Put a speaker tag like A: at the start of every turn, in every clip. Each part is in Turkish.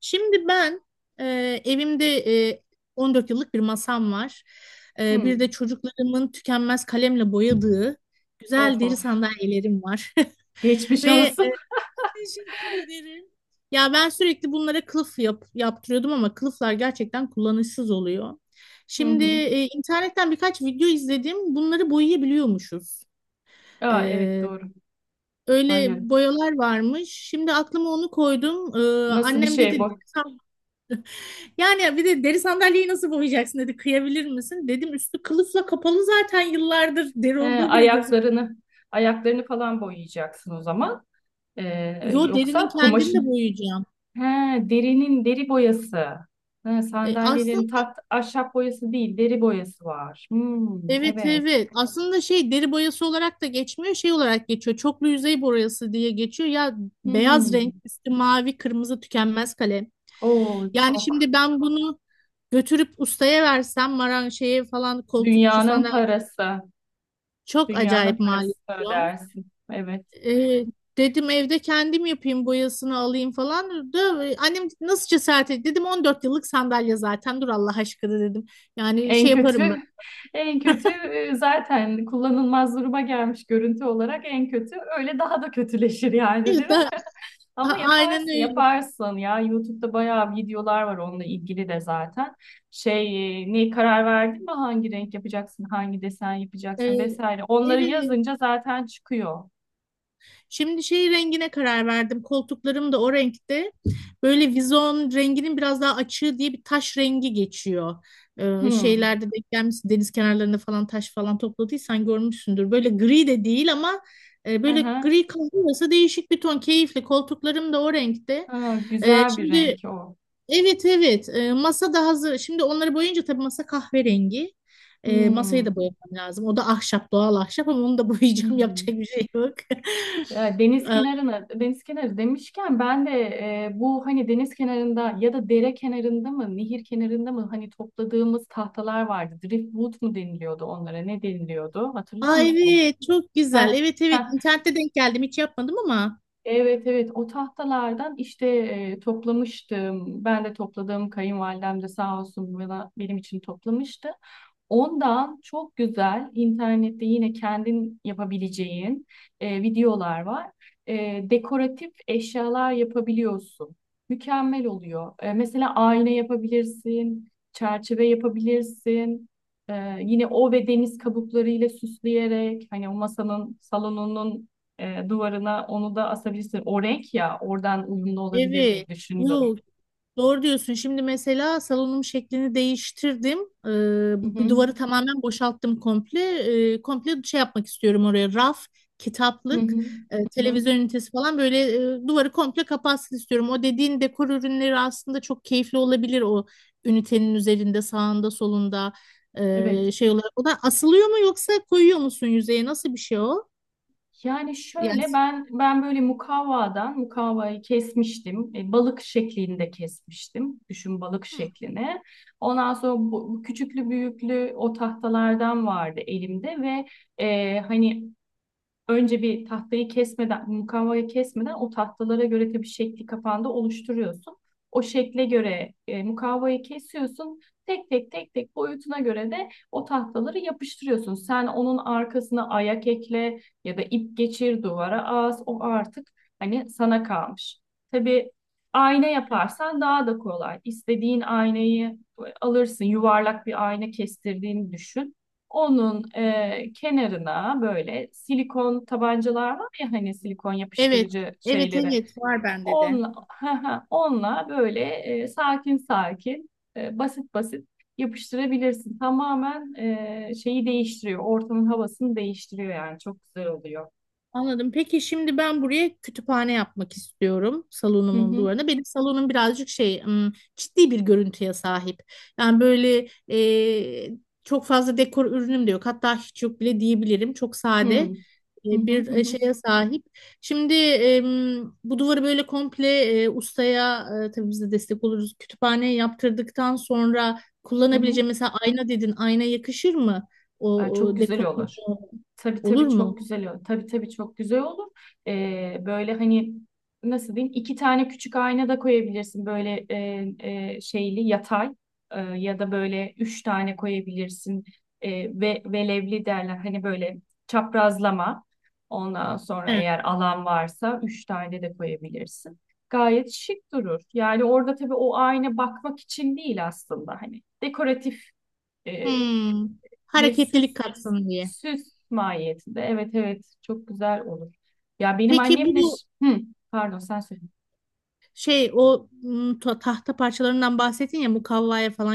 A: Şimdi ben e, evimde e, 14 yıllık bir masam var. E,
B: Hı.
A: bir de çocuklarımın tükenmez kalemle boyadığı güzel
B: Of
A: deri
B: of.
A: sandalyelerim var.
B: Geçmiş
A: Ve e,
B: olsun.
A: Teşekkür ederim. Ya ben sürekli bunlara kılıf yaptırıyordum ama kılıflar gerçekten kullanışsız oluyor.
B: Hı
A: Şimdi
B: hı.
A: internetten birkaç video izledim. Bunları boyayabiliyormuşuz.
B: Aa, evet
A: E,
B: doğru.
A: öyle
B: Aynen.
A: boyalar varmış. Şimdi aklıma onu koydum. E,
B: Nasıl bir
A: annem
B: şey
A: dedi,
B: bu?
A: yani bir de deri sandalyeyi nasıl boyayacaksın, dedi. Kıyabilir misin? Dedim üstü kılıfla kapalı zaten yıllardır. Deri olduğu bile gözük.
B: Ayaklarını ayaklarını falan boyayacaksın o zaman.
A: Yo, derinin
B: Yoksa
A: kendini de
B: kumaşın.
A: boyayacağım.
B: He, derinin deri boyası. He,
A: Aslında
B: sandalyelerin tat ahşap boyası değil, deri boyası var. Hmm,
A: evet,
B: evet.
A: evet. Aslında şey, deri boyası olarak da geçmiyor. Şey olarak geçiyor. Çoklu yüzey boyası diye geçiyor. Ya, beyaz renk
B: Hmm.
A: üstü mavi kırmızı tükenmez kalem.
B: Oo,
A: Yani
B: çok.
A: şimdi ben bunu götürüp ustaya versem, maran şeye falan, koltukçu
B: Dünyanın
A: sandalye,
B: parası.
A: çok
B: Dünyanın
A: acayip maliyet.
B: parası ödersin. Evet.
A: Evet, dedim evde kendim yapayım, boyasını alayım falan. Da, annem nasıl cesaret etti? Dedim 14 yıllık sandalye zaten, dur Allah aşkına, dedim. Yani
B: En
A: şey
B: kötü,
A: yaparım ben.
B: en kötü zaten kullanılmaz duruma gelmiş görüntü olarak en kötü. Öyle daha da kötüleşir yani değil mi?
A: Da, a-
B: Ama
A: aynen
B: yaparsın,
A: öyle.
B: yaparsın ya. YouTube'da bayağı videolar var onunla ilgili de zaten. Ne karar verdin mi? Hangi renk yapacaksın, hangi desen yapacaksın
A: Ee,
B: vesaire. Onları
A: evet,
B: yazınca zaten çıkıyor.
A: şimdi şey rengine karar verdim. Koltuklarım da o renkte. Böyle vizon renginin biraz daha açığı diye bir taş rengi geçiyor. Ee,
B: Hmm.
A: şeylerde denk gelmişsin. Deniz kenarlarında falan taş falan topladıysan görmüşsündür. Böyle gri de değil ama
B: Hı
A: böyle
B: hı.
A: gri kahve arası değişik bir ton. Keyifli. Koltuklarım da o renkte.
B: Ha,
A: Ee,
B: güzel bir
A: şimdi
B: renk o.
A: evet, evet. Masa da hazır. Şimdi onları boyayınca tabii masa kahverengi. Masayı da
B: Hmm.
A: boyamam lazım. O da ahşap, doğal ahşap, ama onu da boyayacağım, yapacak
B: Hmm.
A: bir şey yok.
B: Ya Deniz
A: E,
B: kenarına, deniz kenarı demişken ben de bu hani deniz kenarında ya da dere kenarında mı, nehir kenarında mı hani topladığımız tahtalar vardı. Driftwood mu deniliyordu onlara? Ne deniliyordu? Hatırlıyor
A: Aa,
B: musun?
A: evet, çok
B: Heh,
A: güzel. Evet, evet,
B: heh.
A: internette denk geldim, hiç yapmadım ama.
B: Evet evet o tahtalardan işte toplamıştım. Ben de topladım. Kayınvalidem de sağ olsun bana, benim için toplamıştı. Ondan çok güzel internette yine kendin yapabileceğin videolar var. E, dekoratif eşyalar yapabiliyorsun. Mükemmel oluyor. E, mesela ayna yapabilirsin, çerçeve yapabilirsin. E, yine o ve deniz kabuklarıyla süsleyerek hani o masanın, salonunun duvarına onu da asabilirsin. O renk ya oradan uyumlu olabilir diye
A: Evet.
B: düşündüm.
A: Yok, doğru diyorsun. Şimdi mesela salonum şeklini değiştirdim. Ee,
B: Hı
A: bu- bir
B: hı.
A: duvarı tamamen boşalttım komple. Komple şey yapmak istiyorum oraya. Raf,
B: Hı
A: kitaplık,
B: hı. Hı hı.
A: televizyon ünitesi falan, böyle duvarı komple kapatsın istiyorum. O dediğin dekor ürünleri aslında çok keyifli olabilir, o ünitenin üzerinde, sağında, solunda,
B: Evet.
A: şey olarak. O da asılıyor mu, yoksa koyuyor musun yüzeye? Nasıl bir şey o?
B: Yani
A: Yani,
B: şöyle ben böyle mukavvayı kesmiştim. E, balık şeklinde kesmiştim. Düşün balık
A: hı,
B: şeklini. Ondan sonra bu küçüklü büyüklü o tahtalardan vardı elimde ve hani önce bir tahtayı kesmeden, mukavvayı kesmeden o tahtalara göre tabii şekli kafanda oluşturuyorsun. O şekle göre mukavvayı kesiyorsun. Tek tek tek tek boyutuna göre de o tahtaları yapıştırıyorsun. Sen onun arkasına ayak ekle ya da ip geçir duvara as. O artık hani sana kalmış. Tabii ayna
A: evet.
B: yaparsan daha da kolay. İstediğin aynayı alırsın. Yuvarlak bir ayna kestirdiğini düşün. Onun kenarına böyle silikon tabancalar var ya hani silikon
A: Evet,
B: yapıştırıcı
A: evet,
B: şeyleri.
A: evet var bende de.
B: onla onunla böyle sakin sakin basit basit yapıştırabilirsin. Tamamen şeyi değiştiriyor. Ortamın havasını değiştiriyor yani çok güzel oluyor.
A: Anladım. Peki şimdi ben buraya kütüphane yapmak istiyorum,
B: Hı
A: salonumun
B: hı.
A: duvarına. Benim salonum birazcık şey, ciddi bir görüntüye sahip. Yani böyle, çok fazla dekor ürünüm de yok. Hatta hiç yok bile diyebilirim. Çok sade
B: Hı hı
A: bir
B: hı hı
A: şeye sahip. Şimdi bu duvarı böyle komple, ustaya, tabii biz de destek oluruz. Kütüphane yaptırdıktan sonra
B: hı hı.
A: kullanabileceğim, mesela ayna dedin. Ayna yakışır mı? O,
B: Ay, çok
A: o
B: güzel
A: dekor
B: olur. Tabii
A: olur
B: tabii
A: mu?
B: çok güzel olur. Tabii tabii çok güzel olur. Böyle hani nasıl diyeyim iki tane küçük ayna da koyabilirsin. Böyle şeyli yatay ya da böyle üç tane koyabilirsin. E, ve velevli derler. Hani böyle çaprazlama. Ondan sonra eğer alan varsa üç tane de koyabilirsin. Gayet şık durur. Yani orada tabii o ayna bakmak için değil aslında. Hani dekoratif e,
A: Hmm,
B: bir
A: hareketlilik
B: süs.
A: katsın diye.
B: Süs mahiyetinde. Evet evet çok güzel olur. Ya benim
A: Peki
B: annem de
A: bu,
B: hı, pardon sen söyle.
A: şey o, tahta parçalarından bahsettin ya, mukavvaya falan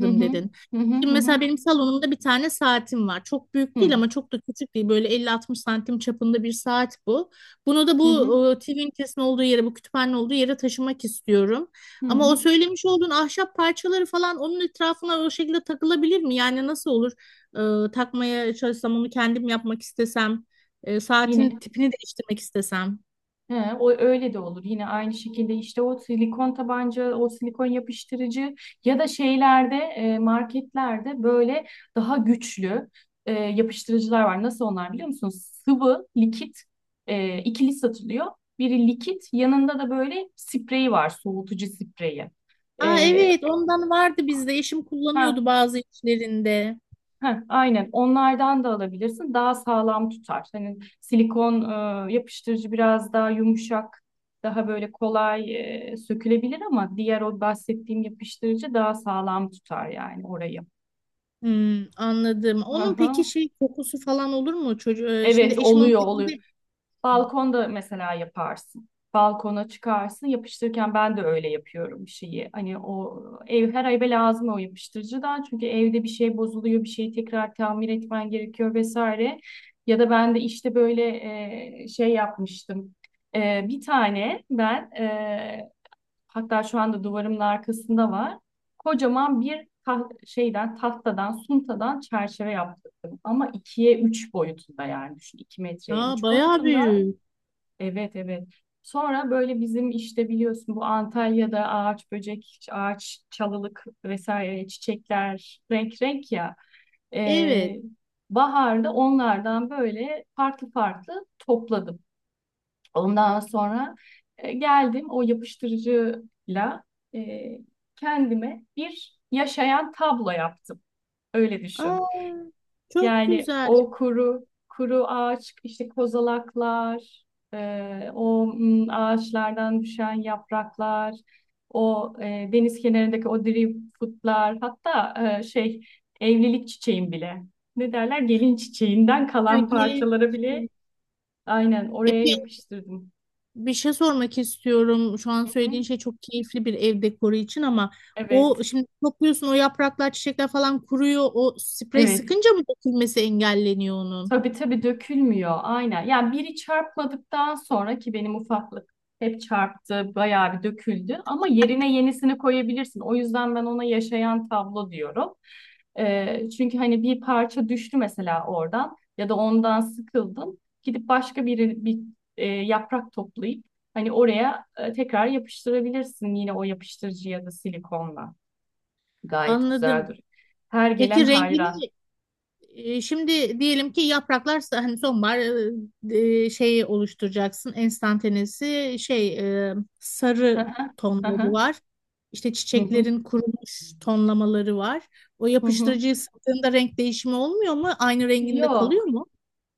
B: Hı hı.
A: dedin.
B: Hı hı
A: Şimdi
B: hı hı.
A: mesela benim salonumda bir tane saatim var. Çok büyük
B: Hı
A: değil ama çok da küçük değil. Böyle 50-60 santim çapında bir saat bu. Bunu da
B: hı hı.
A: bu, TV ünitesinin olduğu yere, bu kütüphanenin olduğu yere taşımak istiyorum.
B: Hı
A: Ama o
B: hı.
A: söylemiş olduğun ahşap parçaları falan onun etrafına o şekilde takılabilir mi? Yani nasıl olur? Takmaya çalışsam onu kendim yapmak istesem, saatin
B: Yine
A: tipini değiştirmek istesem.
B: He, o öyle de olur. Yine aynı şekilde işte o silikon tabanca, o silikon yapıştırıcı ya da şeylerde marketlerde böyle daha güçlü yapıştırıcılar var. Nasıl onlar biliyor musunuz? Sıvı, likit ikili satılıyor. Biri likit, yanında da böyle spreyi var, soğutucu spreyi.
A: Aa,
B: E,
A: evet, ondan vardı bizde. Eşim
B: ha,
A: kullanıyordu bazı işlerinde.
B: Heh, aynen onlardan da alabilirsin. Daha sağlam tutar. Hani silikon yapıştırıcı biraz daha yumuşak, daha böyle kolay sökülebilir ama diğer o bahsettiğim yapıştırıcı daha sağlam tutar yani orayı.
A: Hmm, anladım.
B: Hı
A: Onun peki
B: hı.
A: şey kokusu falan olur mu? Çocuğu, şimdi
B: Evet
A: eşim onu
B: oluyor oluyor.
A: elinde.
B: Balkonda mesela yaparsın. Balkona çıkarsın. Yapıştırırken ben de öyle yapıyorum bir şeyi. Hani ev her eve lazım o yapıştırıcıdan. Çünkü evde bir şey bozuluyor, bir şeyi tekrar tamir etmen gerekiyor vesaire. Ya da ben de işte böyle şey yapmıştım. E, bir tane ben e, Hatta şu anda duvarımın arkasında var. Kocaman bir tahtadan suntadan çerçeve yaptırdım. Ama ikiye üç boyutunda yani düşün. İki metreye
A: Aa,
B: üç
A: bayağı
B: boyutunda.
A: büyük.
B: Evet evet. Sonra böyle bizim işte biliyorsun bu Antalya'da ağaç böcek, ağaç çalılık vesaire çiçekler renk renk ya.
A: Evet.
B: Ee, Baharda onlardan böyle farklı farklı topladım. Ondan sonra geldim o yapıştırıcıyla e, kendime bir yaşayan tablo yaptım. Öyle düşün.
A: Aa, çok
B: Yani
A: güzel.
B: o kuru kuru ağaç, işte kozalaklar, ağaçlardan düşen yapraklar, deniz kenarındaki o driftwoodlar, hatta şey evlilik çiçeğin bile. Ne derler? Gelin çiçeğinden
A: Epey
B: kalan
A: geniş.
B: parçalara bile aynen oraya
A: Epey
B: yapıştırdım.
A: Bir şey sormak istiyorum. Şu an
B: Hı
A: söylediğin
B: hı.
A: şey çok keyifli bir ev dekoru için ama
B: Evet,
A: o şimdi topluyorsun, o yapraklar, çiçekler falan kuruyor. O sprey
B: evet.
A: sıkınca mı dökülmesi engelleniyor onun?
B: Tabii tabii dökülmüyor aynen. Yani biri çarpmadıktan sonra ki benim ufaklık hep çarptı, bayağı bir döküldü ama yerine yenisini koyabilirsin. O yüzden ben ona yaşayan tablo diyorum. Çünkü hani bir parça düştü mesela oradan ya da ondan sıkıldın. Gidip başka bir yaprak toplayıp hani oraya tekrar yapıştırabilirsin yine o yapıştırıcı ya da silikonla. Gayet güzel
A: Anladım.
B: duruyor. Her gelen
A: Peki
B: hayran.
A: rengini, şimdi diyelim ki yapraklar hani sonbahar şeyi oluşturacaksın. Enstantanesi şey, e,
B: Hı
A: sarı
B: hı, hı
A: tonları
B: hı,
A: var. İşte
B: hı hı,
A: çiçeklerin kurumuş tonlamaları var. O
B: hı hı.
A: yapıştırıcıyı sıktığında renk değişimi olmuyor mu? Aynı renginde
B: Yok.
A: kalıyor mu?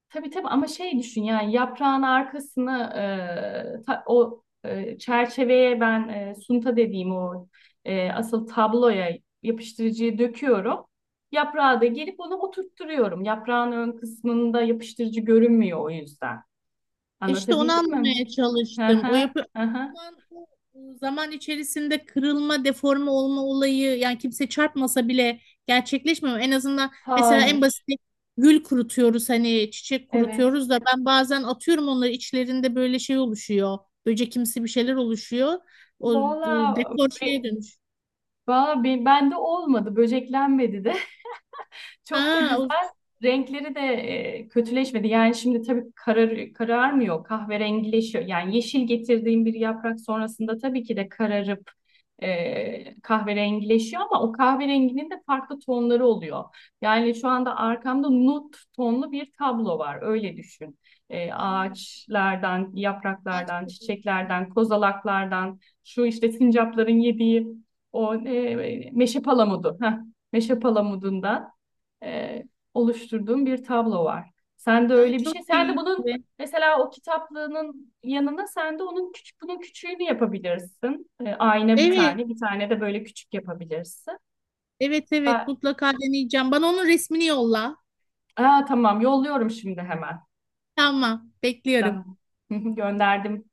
B: Tabii tabii ama şey düşün yani yaprağın arkasını çerçeveye ben sunta dediğim o asıl tabloya yapıştırıcıyı döküyorum. Yaprağı da gelip onu oturtturuyorum. Yaprağın ön kısmında yapıştırıcı görünmüyor o yüzden.
A: İşte onu
B: Anlatabildim mi?
A: anlamaya
B: Hı
A: çalıştım.
B: hı, hı hı.
A: Zaman, O zaman içerisinde kırılma, deforme olma olayı, yani kimse çarpmasa bile gerçekleşmiyor. En azından mesela en basit
B: Hayır.
A: gül kurutuyoruz, hani çiçek
B: Evet.
A: kurutuyoruz da ben bazen atıyorum onları, içlerinde böyle şey oluşuyor. Böcekimsi bir şeyler oluşuyor. O
B: Valla
A: dekor
B: be,
A: şeye dönüş.
B: Valla bende olmadı. Böceklenmedi de. Çok da
A: Ha, o
B: güzel. Renkleri de kötüleşmedi. Yani şimdi tabii kararmıyor, kahverengileşiyor. Yani yeşil getirdiğim bir yaprak sonrasında tabii ki de kararıp kahverengileşiyor ama o kahverenginin de farklı tonları oluyor. Yani şu anda arkamda nut tonlu bir tablo var. Öyle düşün. E,
A: anladım.
B: ağaçlardan,
A: Ay,
B: yapraklardan,
A: çok güzel.
B: çiçeklerden, kozalaklardan, şu işte sincapların yediği o meşe palamudu. Heh, meşe palamudundan e, oluşturduğum bir tablo var. Sen de
A: Ay,
B: öyle bir
A: çok
B: şey. Sen de bunun
A: keyifli.
B: mesela o kitaplığının yanına sen de onun küçük bunun küçüğünü yapabilirsin. E, ayna bir
A: Evet,
B: tane, bir tane de böyle küçük yapabilirsin.
A: evet, evet,
B: Ben-
A: mutlaka deneyeceğim. Bana onun resmini yolla.
B: Aa, tamam yolluyorum şimdi hemen.
A: Tamam, bekliyorum.
B: Tamam. Gönderdim.